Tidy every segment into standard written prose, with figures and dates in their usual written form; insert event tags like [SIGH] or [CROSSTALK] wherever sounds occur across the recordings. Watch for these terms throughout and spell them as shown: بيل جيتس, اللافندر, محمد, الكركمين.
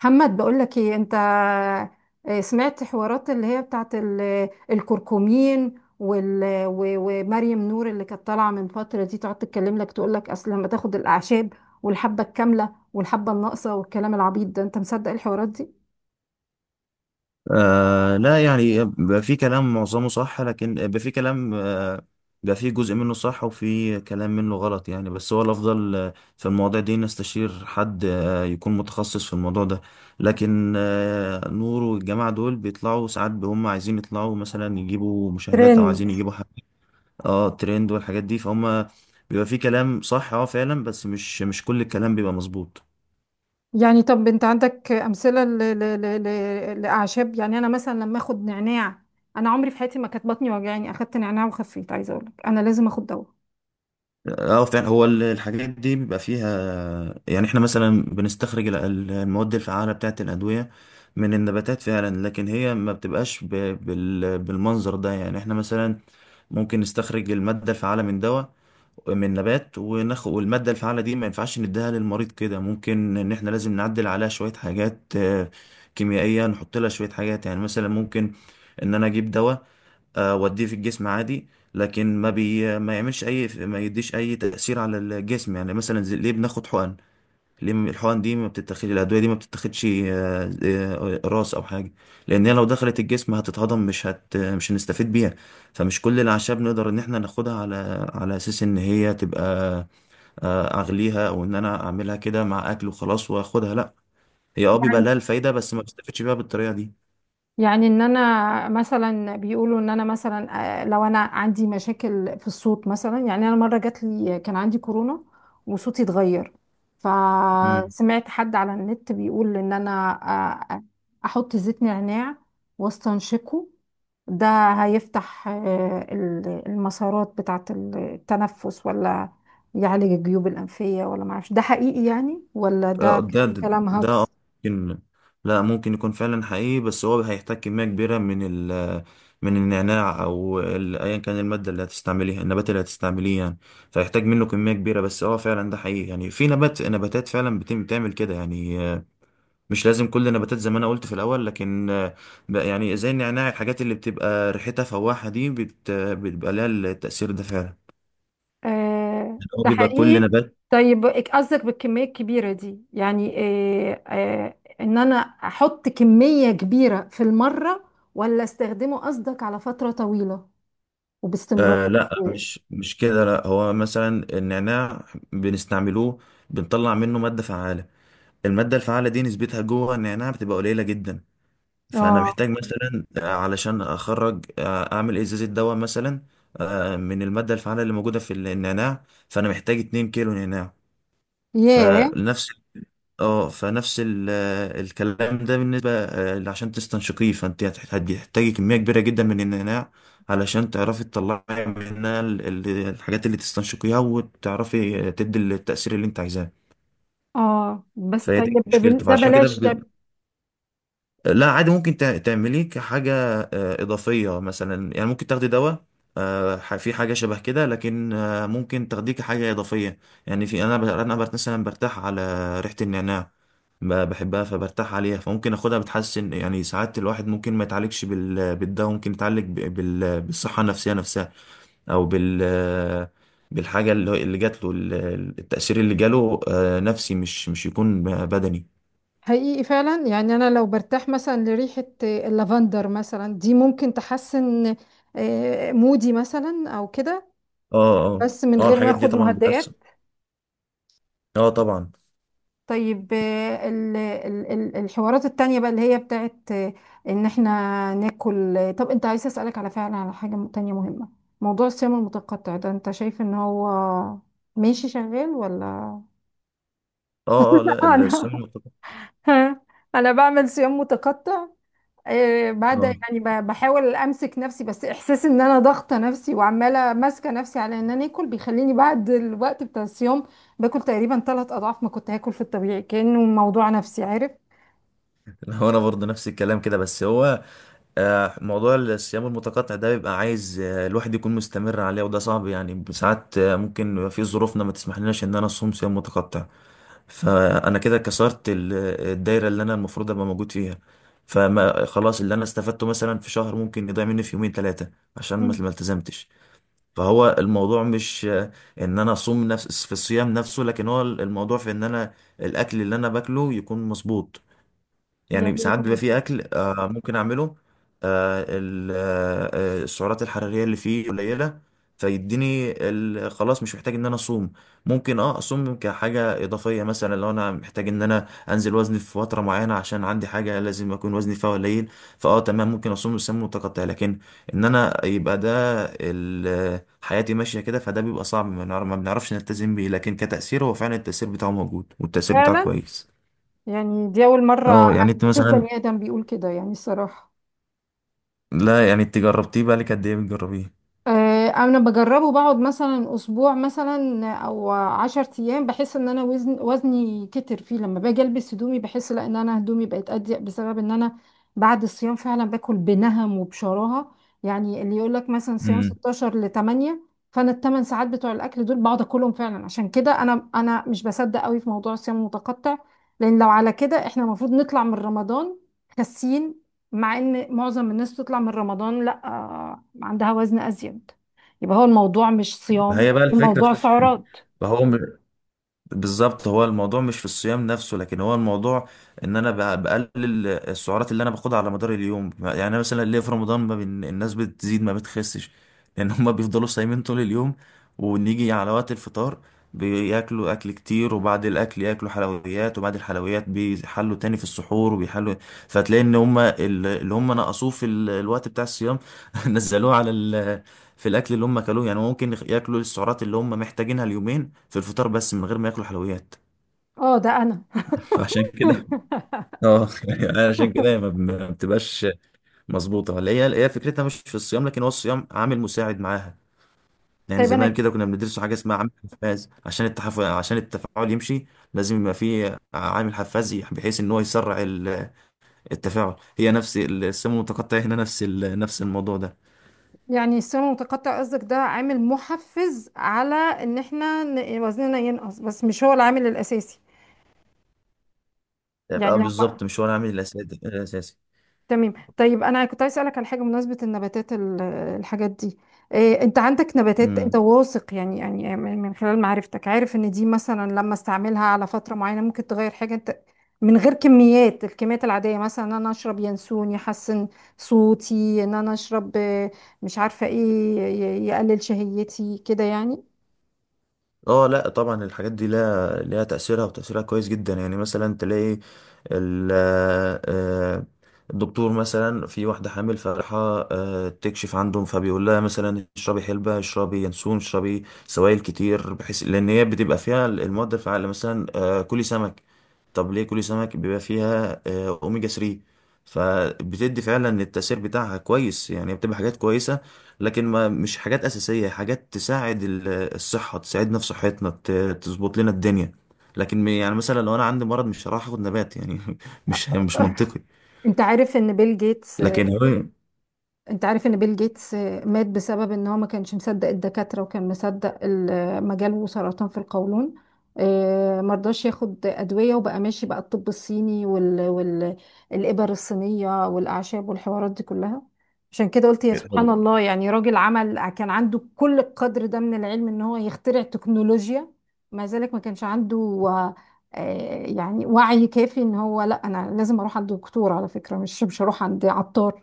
محمد، بقول لك ايه انت؟ سمعت حوارات اللي هي بتاعت الكركمين ومريم نور اللي كانت طالعه من فتره دي تقعد تتكلم لك تقول لك اصل لما تاخد الاعشاب والحبه الكامله والحبه الناقصه والكلام العبيط ده. انت مصدق الحوارات دي؟ آه لا، يعني بقى في كلام معظمه صح، لكن بقى في كلام بقى في جزء منه صح وفي كلام منه غلط. يعني بس هو الأفضل في المواضيع دي نستشير حد يكون متخصص في الموضوع ده. لكن نور والجماعة دول بيطلعوا ساعات هم عايزين يطلعوا، مثلا يجيبوا مشاهدات أو ترند. عايزين يجيبوا حاجة. اه، ترند والحاجات دي فهم. بيبقى في كلام صح اه فعلا، بس مش كل الكلام بيبقى مظبوط. يعني طب انت عندك امثله لاعشاب؟ يعني انا مثلا لما اخد نعناع، انا عمري في حياتي ما كانت بطني وجعاني اخدت نعناع وخفيت. عايزه اقول لك انا لازم اخد دواء. اه فعلا، هو الحاجات دي بيبقى فيها. يعني احنا مثلا بنستخرج المواد الفعالة بتاعة الأدوية من النباتات فعلا، لكن هي ما بتبقاش بالمنظر ده. يعني احنا مثلا ممكن نستخرج المادة الفعالة من دواء، من نبات، وناخد والمادة الفعالة دي ما ينفعش نديها للمريض كده. ممكن ان احنا لازم نعدل عليها شوية حاجات كيميائية، نحط لها شوية حاجات. يعني مثلا ممكن ان انا اجيب دواء واديه في الجسم عادي، لكن ما يعملش اي، ما يديش اي تاثير على الجسم. يعني مثلا ليه بناخد حقن؟ ليه الحقن دي ما بتتاخدش؟ الادويه دي ما بتتاخدش راس او حاجه؟ لان هي لو دخلت الجسم هتتهضم، مش هنستفيد بيها. فمش كل الاعشاب نقدر ان احنا ناخدها على، على اساس ان هي تبقى اغليها او ان انا اعملها كده مع اكل وخلاص واخدها، لا. هي اه بيبقى لها الفايده بس ما بستفدش بيها بالطريقه يعني ان انا مثلا بيقولوا ان انا مثلا، لو انا عندي مشاكل في الصوت مثلا، يعني انا مره جات لي كان عندي كورونا وصوتي اتغير، دي. فسمعت حد على النت بيقول ان انا، آه، احط زيت نعناع واستنشقه، ده هيفتح المسارات بتاعه التنفس، ولا يعالج الجيوب الانفيه؟ ولا معرفش ده حقيقي يعني ولا آه، ده ده كان ده كلام ده آه، هاكس؟ ممكن، لا ممكن يكون فعلا حقيقي، بس هو هيحتاج كمية كبيرة من ال من النعناع أو أيا كان المادة اللي هتستعمليها، النبات اللي هتستعمليه. يعني فيحتاج منه كمية كبيرة، بس هو فعلا ده حقيقي. يعني في نباتات فعلا بتعمل كده يعني مش لازم كل النباتات زي ما أنا قلت في الأول، لكن بقى يعني زي النعناع، الحاجات اللي بتبقى ريحتها فواحة دي بتبقى لها التأثير ده فعلا. يعني هو ده بيبقى كل حقيقي؟ نبات. طيب قصدك بالكمية الكبيرة دي يعني، ان انا احط كمية كبيرة في المرة، ولا استخدمه قصدك على فترة طويلة وباستمرار؟ لا، مش كده، لا. هو مثلا النعناع بنستعملوه، بنطلع منه مادة فعالة. المادة الفعالة دي نسبتها جوه النعناع بتبقى قليلة جدا. فأنا اه. محتاج مثلا علشان أخرج أعمل إزازة دواء مثلا من المادة الفعالة اللي موجودة في النعناع، فأنا محتاج 2 كيلو نعناع. ياه. فنفس، اه فنفس الكلام ده. بالنسبة عشان تستنشقيه، فانت هتحتاجي كمية كبيرة جدا من النعناع علشان تعرفي تطلعي منها الحاجات اللي تستنشقيها، وتعرفي تدي التأثير اللي انت عايزاه. اه بس فهي طيب دي مشكلته. ده فعشان كده، بلاش ده. لا عادي ممكن تعمليه كحاجة إضافية مثلا. يعني ممكن تاخدي دواء في حاجة شبه كده، لكن ممكن تاخديه كحاجة إضافية. يعني في أنا ب- أنا بر- مثلا برتاح على ريحة النعناع، بحبها فبرتاح عليها، فممكن اخدها بتحسن. يعني ساعات الواحد ممكن ما يتعالجش بال... بالدواء، ممكن يتعالج بال... بالصحة النفسية نفسها، او بالحاجة اللي جات له. التأثير اللي جاله نفسي، مش يكون بدني. حقيقي فعلا. يعني انا لو برتاح مثلا لريحة اللافندر مثلا، دي ممكن تحسن مودي مثلا او كده، اه. اه. بس من اه غير ما الحاجات دي اخد طبعا. مهدئات. اه طبعا. طيب الحوارات التانية بقى اللي هي بتاعت ان احنا ناكل طب انت عايز اسألك على فعلا على حاجة تانية مهمة. موضوع الصيام المتقطع ده، انت شايف ان هو ماشي شغال ولا؟ اه اه، لا الصيام انا المتقطع. [LAUGHS] انا بعمل صيام متقطع. بعد اه. يعني بحاول امسك نفسي، بس احساس ان انا ضاغطه نفسي وعماله ماسكه نفسي على ان انا اكل، بيخليني بعد الوقت بتاع الصيام باكل تقريبا 3 اضعاف ما كنت هاكل في الطبيعي، كانه موضوع نفسي، عارف [LAUGHS] هو انا برضه نفس الكلام كده، بس هو موضوع الصيام المتقطع ده بيبقى عايز الواحد يكون مستمر عليه، وده صعب. يعني ساعات ممكن يبقى في ظروفنا ما تسمحلناش ان انا اصوم صيام متقطع، فانا كده كسرت الدايره اللي انا المفروض ابقى موجود فيها. فما خلاص اللي انا استفدته مثلا في شهر ممكن يضيع مني في يومين ثلاثه، عشان ما التزمتش. فهو الموضوع مش ان انا اصوم، نفس في الصيام نفسه، لكن هو الموضوع في ان انا الاكل اللي انا باكله يكون مظبوط. يعني يعني؟ ساعات يكون بيبقى فيه مظبوط. اكل آه ممكن اعمله السعرات الحراريه اللي فيه قليله، فيديني خلاص مش محتاج ان انا اصوم. ممكن اه اصوم كحاجه اضافيه مثلا، لو انا محتاج ان انا انزل وزني في فتره معينه عشان عندي حاجه لازم اكون وزني فيها قليل، فاه تمام ممكن اصوم صيام متقطع. لكن ان انا يبقى ده حياتي ماشيه كده، فده بيبقى صعب. ما بنعرفش نلتزم بيه، لكن كتاثير هو فعلا التاثير بتاعه موجود، والتاثير بتاعه فعلا. كويس. يعني دي أول مرة اه يعني انت أشوف مثلا، بني آدم بيقول كده يعني الصراحة. لا يعني انت جربتيه بقى لك قد ايه بتجربيه؟ انا بجربه، بقعد مثلا اسبوع مثلا او 10 ايام، بحس ان انا وزني كتر فيه، لما باجي البس هدومي بحس لا ان انا هدومي بقت اضيق بسبب ان انا بعد الصيام فعلا باكل بنهم وبشراهه. يعني اللي يقول لك مثلا صيام امم. 16 ل 8، فانا ال 8 ساعات بتوع الاكل دول بقعد اكلهم فعلا. عشان كده انا مش بصدق قوي في موضوع الصيام المتقطع. لان لو على كده احنا المفروض نطلع من رمضان خاسين، مع ان معظم الناس تطلع من رمضان لا، عندها وزن ازيد. يبقى هو الموضوع مش ما صيام، هي بقى الموضوع سعرات. [LAUGHS] فهو بالظبط، هو الموضوع مش في الصيام نفسه، لكن هو الموضوع ان انا بقلل السعرات اللي انا باخدها على مدار اليوم. يعني أنا مثلا، ليه في رمضان ما بين الناس بتزيد ما بتخسش؟ لان هم بيفضلوا صايمين طول اليوم، ونيجي على وقت الفطار بياكلوا اكل كتير، وبعد الاكل ياكلوا حلويات، وبعد الحلويات بيحلوا تاني في السحور وبيحلوا. فتلاقي ان هم اللي هم نقصوه في الوقت بتاع الصيام، [LAUGHS] نزلوه على، في الاكل اللي هم اكلوه. يعني ممكن ياكلوا السعرات اللي هم محتاجينها اليومين في الفطار، بس من غير ما ياكلوا حلويات. اه ده انا. فعشان كده [LAUGHS] اه. [LAUGHS] يعني عشان كده ما بتبقاش مظبوطه. ولا هي، هي فكرتها مش في الصيام، لكن هو الصيام عامل مساعد معاها. يعني طيب زمان انا. كده كنا بندرسوا حاجه اسمها عامل حفاز، عشان التفاعل يمشي لازم يبقى فيه عامل حفاز بحيث ان هو يسرع التفاعل. هي نفس الصيام المتقطع هنا، نفس نفس الموضوع ده. يعني الصيام المتقطع قصدك ده عامل محفز على ان احنا وزننا ينقص، بس مش هو العامل الاساسي. يعني يبقى لو. بالظبط مش هو العامل الاساسي. تمام. طيب انا كنت عايز اسالك على حاجه بمناسبه النباتات الحاجات دي. إيه، انت عندك نباتات انت الاساسي واثق يعني، يعني من من خلال معرفتك عارف ان دي مثلا لما استعملها على فتره معينه ممكن تغير حاجه، انت من غير كميات، الكميات العاديه؟ مثلا ان انا اشرب ينسون يحسن صوتي، ان انا اشرب مش عارفه ايه، يقلل شهيتي كده يعني. اه، لا طبعا الحاجات دي لها تأثيرها، وتأثيرها كويس جدا. يعني مثلا تلاقي ال- آه، الدكتور مثلا في واحدة حامل فراحة تكشف عندهم، فبيقول لها مثلا اشربي حلبة، اشربي ينسون، اشربي سوائل كتير، بحيث لأن هي بتبقى فيها المواد الفعالة. مثلا كلي سمك. طب ليه كلي سمك؟ بيبقى فيها أوميجا 3، فبتدي فعلا التأثير بتاعها كويس. يعني بتبقى حاجات كويسة، لكن ما مش حاجات أساسية. حاجات تساعد الصحة، تساعدنا في صحتنا، تظبط لنا الدنيا. لكن يعني مثلا لو أنا عندي مرض مش هروح آخد نبات، يعني [LAUGHS] مش [LAUGHS] منطقي. انت عارف ان بيل جيتس، لكن هو. انت عارف ان بيل جيتس مات بسبب ان هو ما كانش مصدق الدكاترة، وكان مصدق مجاله سرطان في القولون، مرضاش ياخد ادوية وبقى ماشي بقى الطب الصيني الابر الصينية والاعشاب والحوارات دي كلها. عشان كده قلت يا سبحان الله، يعني راجل كان عنده كل القدر ده من العلم ان هو يخترع تكنولوجيا، مع ذلك ما كانش عنده يعني وعي كافي ان هو لا انا لازم اروح عند دكتور، على فكرة مش مش هروح عند عطار.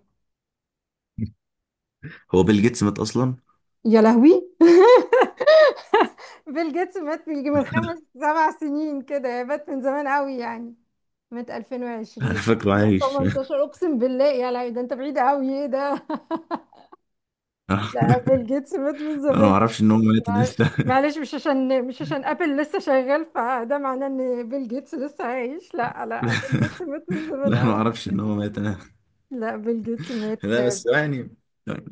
[LAUGHS] هو بيل جيتس مات أصلا. يا لهوي. [LAUGHS] بيل جيتس مات من يجي من 5 أو 7 سنين كده، يا مات من زمان قوي يعني. مات [LAUGHS] أنا 2020. فاكره عايش. [LAUGHS] 2018 اقسم بالله. يا لهوي ده انت بعيد قوي، ايه ده؟ [LAUGHS] لا بيل جيتس مات من أنا ما زمان. أعرفش إن هو مات [LAUGHS] مع- لسه. معلش، مش عشان، مش عشان ابل لسه شغال فده معناه ان بيل جيتس لسه عايش. لا لا، بيل جيتس مات من زمان لا، ما قوي. أعرفش إن هو مات أنا. لا بيل جيتس مات. لا، بس يعني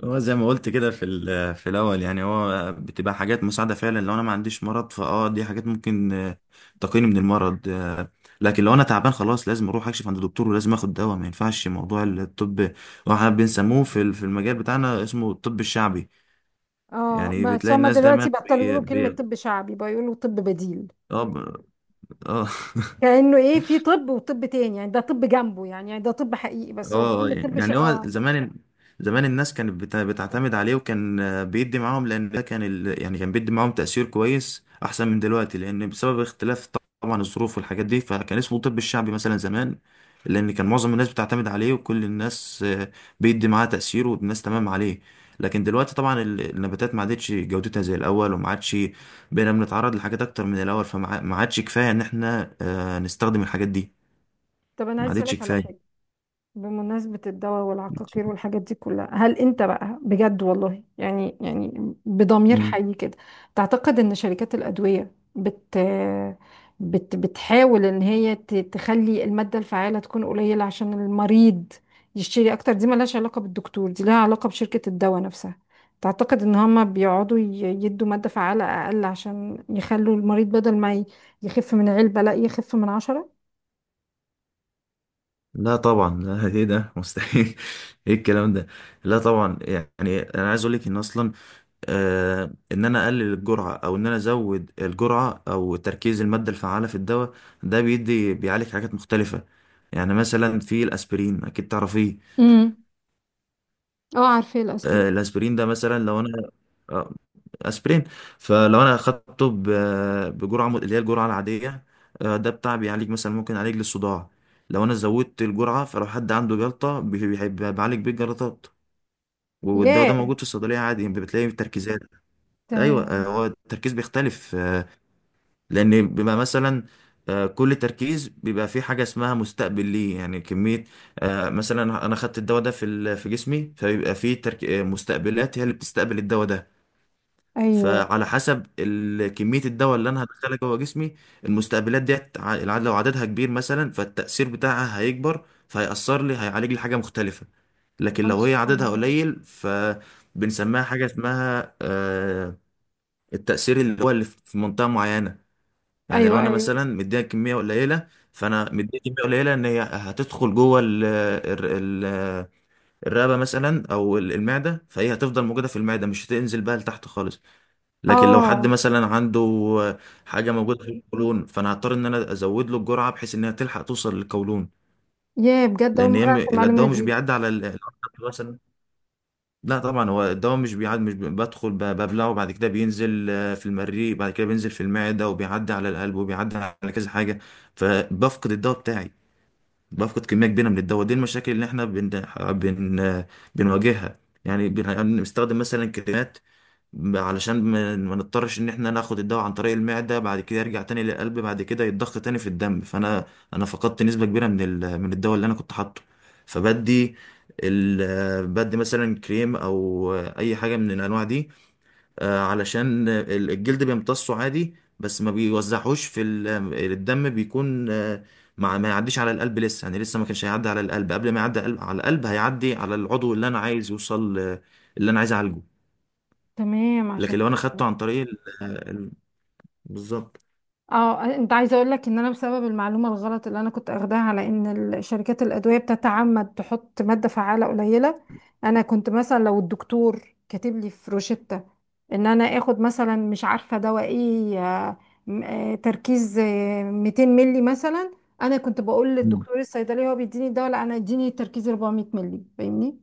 هو زي ما قلت كده في في الاول. يعني هو بتبقى حاجات مساعده فعلا، لو انا ما عنديش مرض فاه دي حاجات ممكن تقيني من المرض لكن لو انا تعبان خلاص لازم اروح اكشف عند دكتور، ولازم اخد دواء، ما ينفعش. موضوع الطب هو احنا بنسموه في في المجال بتاعنا اسمه الطب الشعبي. اه، يعني بس بتلاقي هما الناس دايما دلوقتي بطلوا بي يقولوا كلمة بي طب شعبي، بقى يقولوا طب بديل، اه اه. [LAUGHS] كأنه ايه؟ في طب وطب تاني يعني؟ ده طب جنبه يعني، يعني ده طب حقيقي، اه بس هو فيلم يعني طب يعني هو اه. زمان الناس كانت بتعتمد عليه، وكان بيدي معاهم. لان ده كان يعني كان بيدي معاهم تأثير كويس احسن من دلوقتي، لان بسبب اختلاف طبعا الظروف والحاجات دي، فكان اسمه الطب الشعبي مثلا زمان، لان كان معظم الناس بتعتمد عليه، وكل الناس بيدي معاه تأثير، والناس تمام عليه. لكن دلوقتي طبعا النباتات ما عادتش جودتها زي الاول، وما عادش. بقينا بنتعرض لحاجات اكتر من الاول، فما ما عادش كفاية ان احنا نستخدم الحاجات دي. طب انا ما عايز عادتش اسالك على حاجه كفاية. بمناسبة الدواء والعقاقير والحاجات دي كلها. هل انت بقى بجد، والله يعني، يعني بضمير حي كده تعتقد ان شركات الأدوية بت بت بتحاول ان هي تخلي المادة الفعالة تكون قليلة عشان المريض يشتري اكتر؟ دي ملهاش علاقة بالدكتور، دي لها علاقة بشركة الدواء نفسها. تعتقد ان هما بيقعدوا يدوا مادة فعالة اقل عشان يخلوا المريض بدل ما يخف من علبة لا يخف من عشرة؟ لا طبعا، [LAUGHS] لا ايه ده؟ مستحيل. [LAUGHS] ايه الكلام ده؟ لا طبعا. يعني انا عايز اقول لك ان اصلا آه، ان انا اقلل الجرعه او ان انا ازود الجرعه او تركيز الماده الفعاله في الدواء، ده بيدي بيعالج حاجات مختلفه. يعني مثلا في الاسبرين، اكيد تعرفيه. امم. اه، عارفة الاسبرين. آه الاسبرين ده مثلا، لو انا آه، اسبرين فلو انا اخدته بجرعه اللي هي الجرعه العاديه ده بتاع بيعالج مثلا، ممكن يعالج لي الصداع. لو انا زودت الجرعه، فلو حد عنده جلطه بعالج بيه الجلطات. والدواء ده ياه. موجود في الصيدليه عادي، يعني بتلاقي تركيزات. ايوه تمام. هو التركيز بيختلف لان بيبقى مثلا كل تركيز بيبقى فيه حاجه اسمها مستقبل ليه. يعني كميه مثلا انا خدت الدواء ده في في جسمي، فبيبقى فيه ترك... آه، مستقبلات، هي اللي بتستقبل الدواء ده. ايوه. فعلى حسب كمية الدواء اللي أنا هدخلها جوه جسمي، المستقبلات ديت العدد، لو عددها كبير مثلا فالتأثير بتاعها هيكبر، فهيأثر لي هيعالج لي حاجة مختلفة. لكن لو هي سبحان عددها الله. قليل، فبنسميها حاجة اسمها التأثير اللي هو اللي في منطقة معينة. يعني لو ايوه أنا ايوه. مثلا مديها كمية قليلة، فأنا مديها كمية قليلة إن هي هتدخل جوه ال- الرقبة مثلا أو المعدة، فهي هتفضل موجودة في المعدة مش هتنزل بقى لتحت خالص. لكن لو حد اه. مثلا عنده حاجه موجوده في القولون، فانا هضطر ان انا ازود له الجرعه بحيث انها تلحق توصل للقولون. يا بجد، اول لان هي مره اعرف المعلومه الدواء مش دي. بيعدي على الأرض مثلا. لا طبعا، هو الدواء مش بيعدي، مش ب- بدخل ببلعه، بعد كده بينزل في المريء، بعد كده بينزل في المعده، وبيعدي على القلب، وبيعدي على كذا حاجه. فبفقد الدواء بتاعي، بفقد كميه كبيره من الدواء. دي المشاكل اللي احنا بن بن بنواجهها. يعني بنستخدم مثلا كريمات علشان ما نضطرش ان احنا ناخد الدواء عن طريق المعدة، بعد كده يرجع تاني للقلب، بعد كده يتضخ تاني في الدم، انا فقدت نسبة كبيرة من من الدواء اللي انا كنت حاطه. فبدي بدي مثلا كريم او اي حاجة من الانواع دي علشان الجلد بيمتصه عادي، بس ما بيوزعهوش في ال... الدم. بيكون مع ما يعديش على القلب لسه، يعني لسه ما كانش هيعدي على القلب. قبل ما يعدي على القلب، على القلب هيعدي على العضو اللي انا عايز يوصل اللي انا عايز اعالجه. تمام عشان لكن لو انا خدته كده. عن طريق بالظبط. اه، انت عايزه اقول لك ان انا بسبب المعلومه الغلط اللي انا كنت اخداها على ان شركات الادويه بتتعمد تحط ماده فعاله قليله، انا كنت مثلا لو الدكتور كاتب لي في روشته ان انا اخد مثلا مش عارفه دواء ايه، تركيز 200 ملي مثلا، انا كنت بقول مم. للدكتور الصيدلي، هو بيديني الدواء، لا انا اديني تركيز 400 ملي، فاهمني؟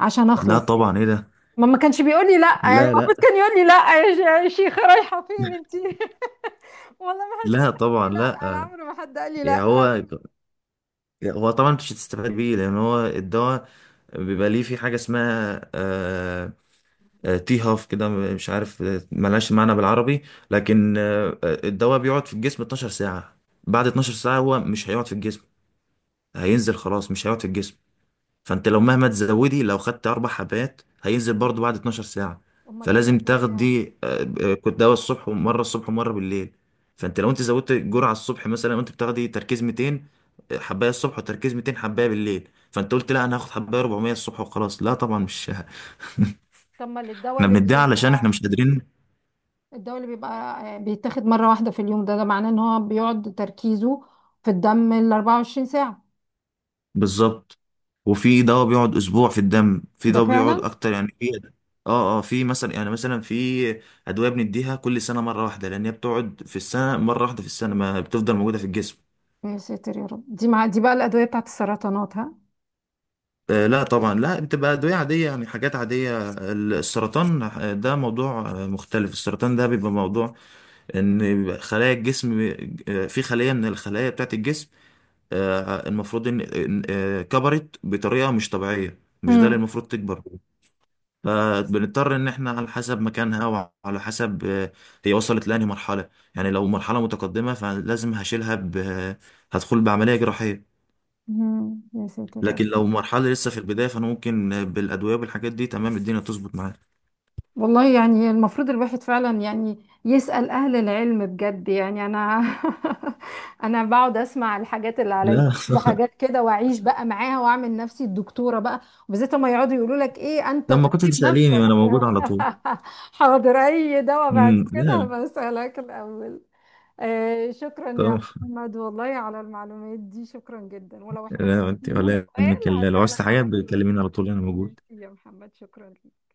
عشان لا اخلص طبعا، ايه يعني. ده؟ ما كانش بيقول لي لا. يعني لا المفروض لا. كان يقول لي لا يا يا شيخه رايحه فين انت. [LAUGHS] والله ما حدش لا كان بيقول طبعا لي لا. انا لا. عمري ما حد قال لي يعني لا. هو، هو طبعا مش هتستفاد بيه، لان هو الدواء بيبقى ليه في حاجه اسمها تي هاف كده، مش عارف ملهاش معنى بالعربي. لكن الدواء بيقعد في الجسم 12 ساعه، بعد 12 ساعه هو مش هيقعد في الجسم، هينزل خلاص مش هيقعد في الجسم. فانت لو مهما تزودي، لو خدت اربع حبات هينزل برضو بعد 12 ساعه. امال ايه فلازم الادويه؟ تاخدي آه، آه، كنت دواء الصبح ومره الصبح ومره بالليل. فانت لو انت زودت جرعه الصبح مثلا، وانت بتاخدي تركيز 200 حبايه الصبح وتركيز 200 حبايه بالليل، فانت قلت لا انا هاخد حبايه 400 الصبح وخلاص؟ لا طبعا مش. طب ما [LAUGHS] الدواء احنا اللي بنديها علشان احنا بيبقى، مش قادرين. الدواء اللي بيبقى بيتاخد مره واحده في اليوم، ده معناه ان هو بيقعد تركيزه في الدم ال 24 ساعه؟ بالظبط. وفي دواء بيقعد اسبوع في الدم، في ده دواء بيقعد فعلا. اكتر. يعني في اه اه، في مثلا، يعني مثلا في ادويه بنديها كل سنه مره واحده، لان هي بتقعد في السنه مره واحده، في السنه ما بتفضل موجوده في الجسم. يا ساتر يا رب. دي مع دي بقى الادويه بتاعت السرطانات ها؟ آه لا طبعا لا، بتبقى ادويه عاديه، يعني حاجات عاديه. السرطان ده موضوع مختلف. السرطان ده بيبقى موضوع ان بيبقى خلايا الجسم في خليه من الخلايا بتاعه الجسم المفروض ان كبرت بطريقه مش طبيعيه، مش ده اللي امم. المفروض تكبر. فبنضطر ان احنا على حسب مكانها وعلى حسب هي وصلت لانهي مرحله. يعني لو مرحله متقدمه فلازم هشيلها هدخل بعمليه جراحيه. يا ساتر يا لكن رب. لو مرحله لسه في البدايه، فانا ممكن بالادويه والحاجات دي تمام الدنيا تظبط معايا. والله يعني المفروض الواحد فعلا يعني يسأل أهل العلم بجد. يعني أنا [LAUGHS] أنا بقعد أسمع الحاجات اللي على يوتيوب لا. [LAUGHS] وحاجات كده وأعيش بقى معاها وأعمل نفسي الدكتورة بقى. وبالذات لما يقعدوا يقولوا لك إيه، أنت لما كنت طبيب تساليني نفسك. وانا موجود على طول. [LAUGHS] حاضر، أي دواء بعد امم. كده لا بسألك الأول. آه، شكرا يا طبعا. محمد والله على المعلومات دي، شكرا جدا. ولو احتجت لا انت أي ولا يهمك، سؤال لو هرجع لك عايز حاجه على طول. بتكلميني على طول انا ميرسي موجود. يا محمد، شكرا ليك.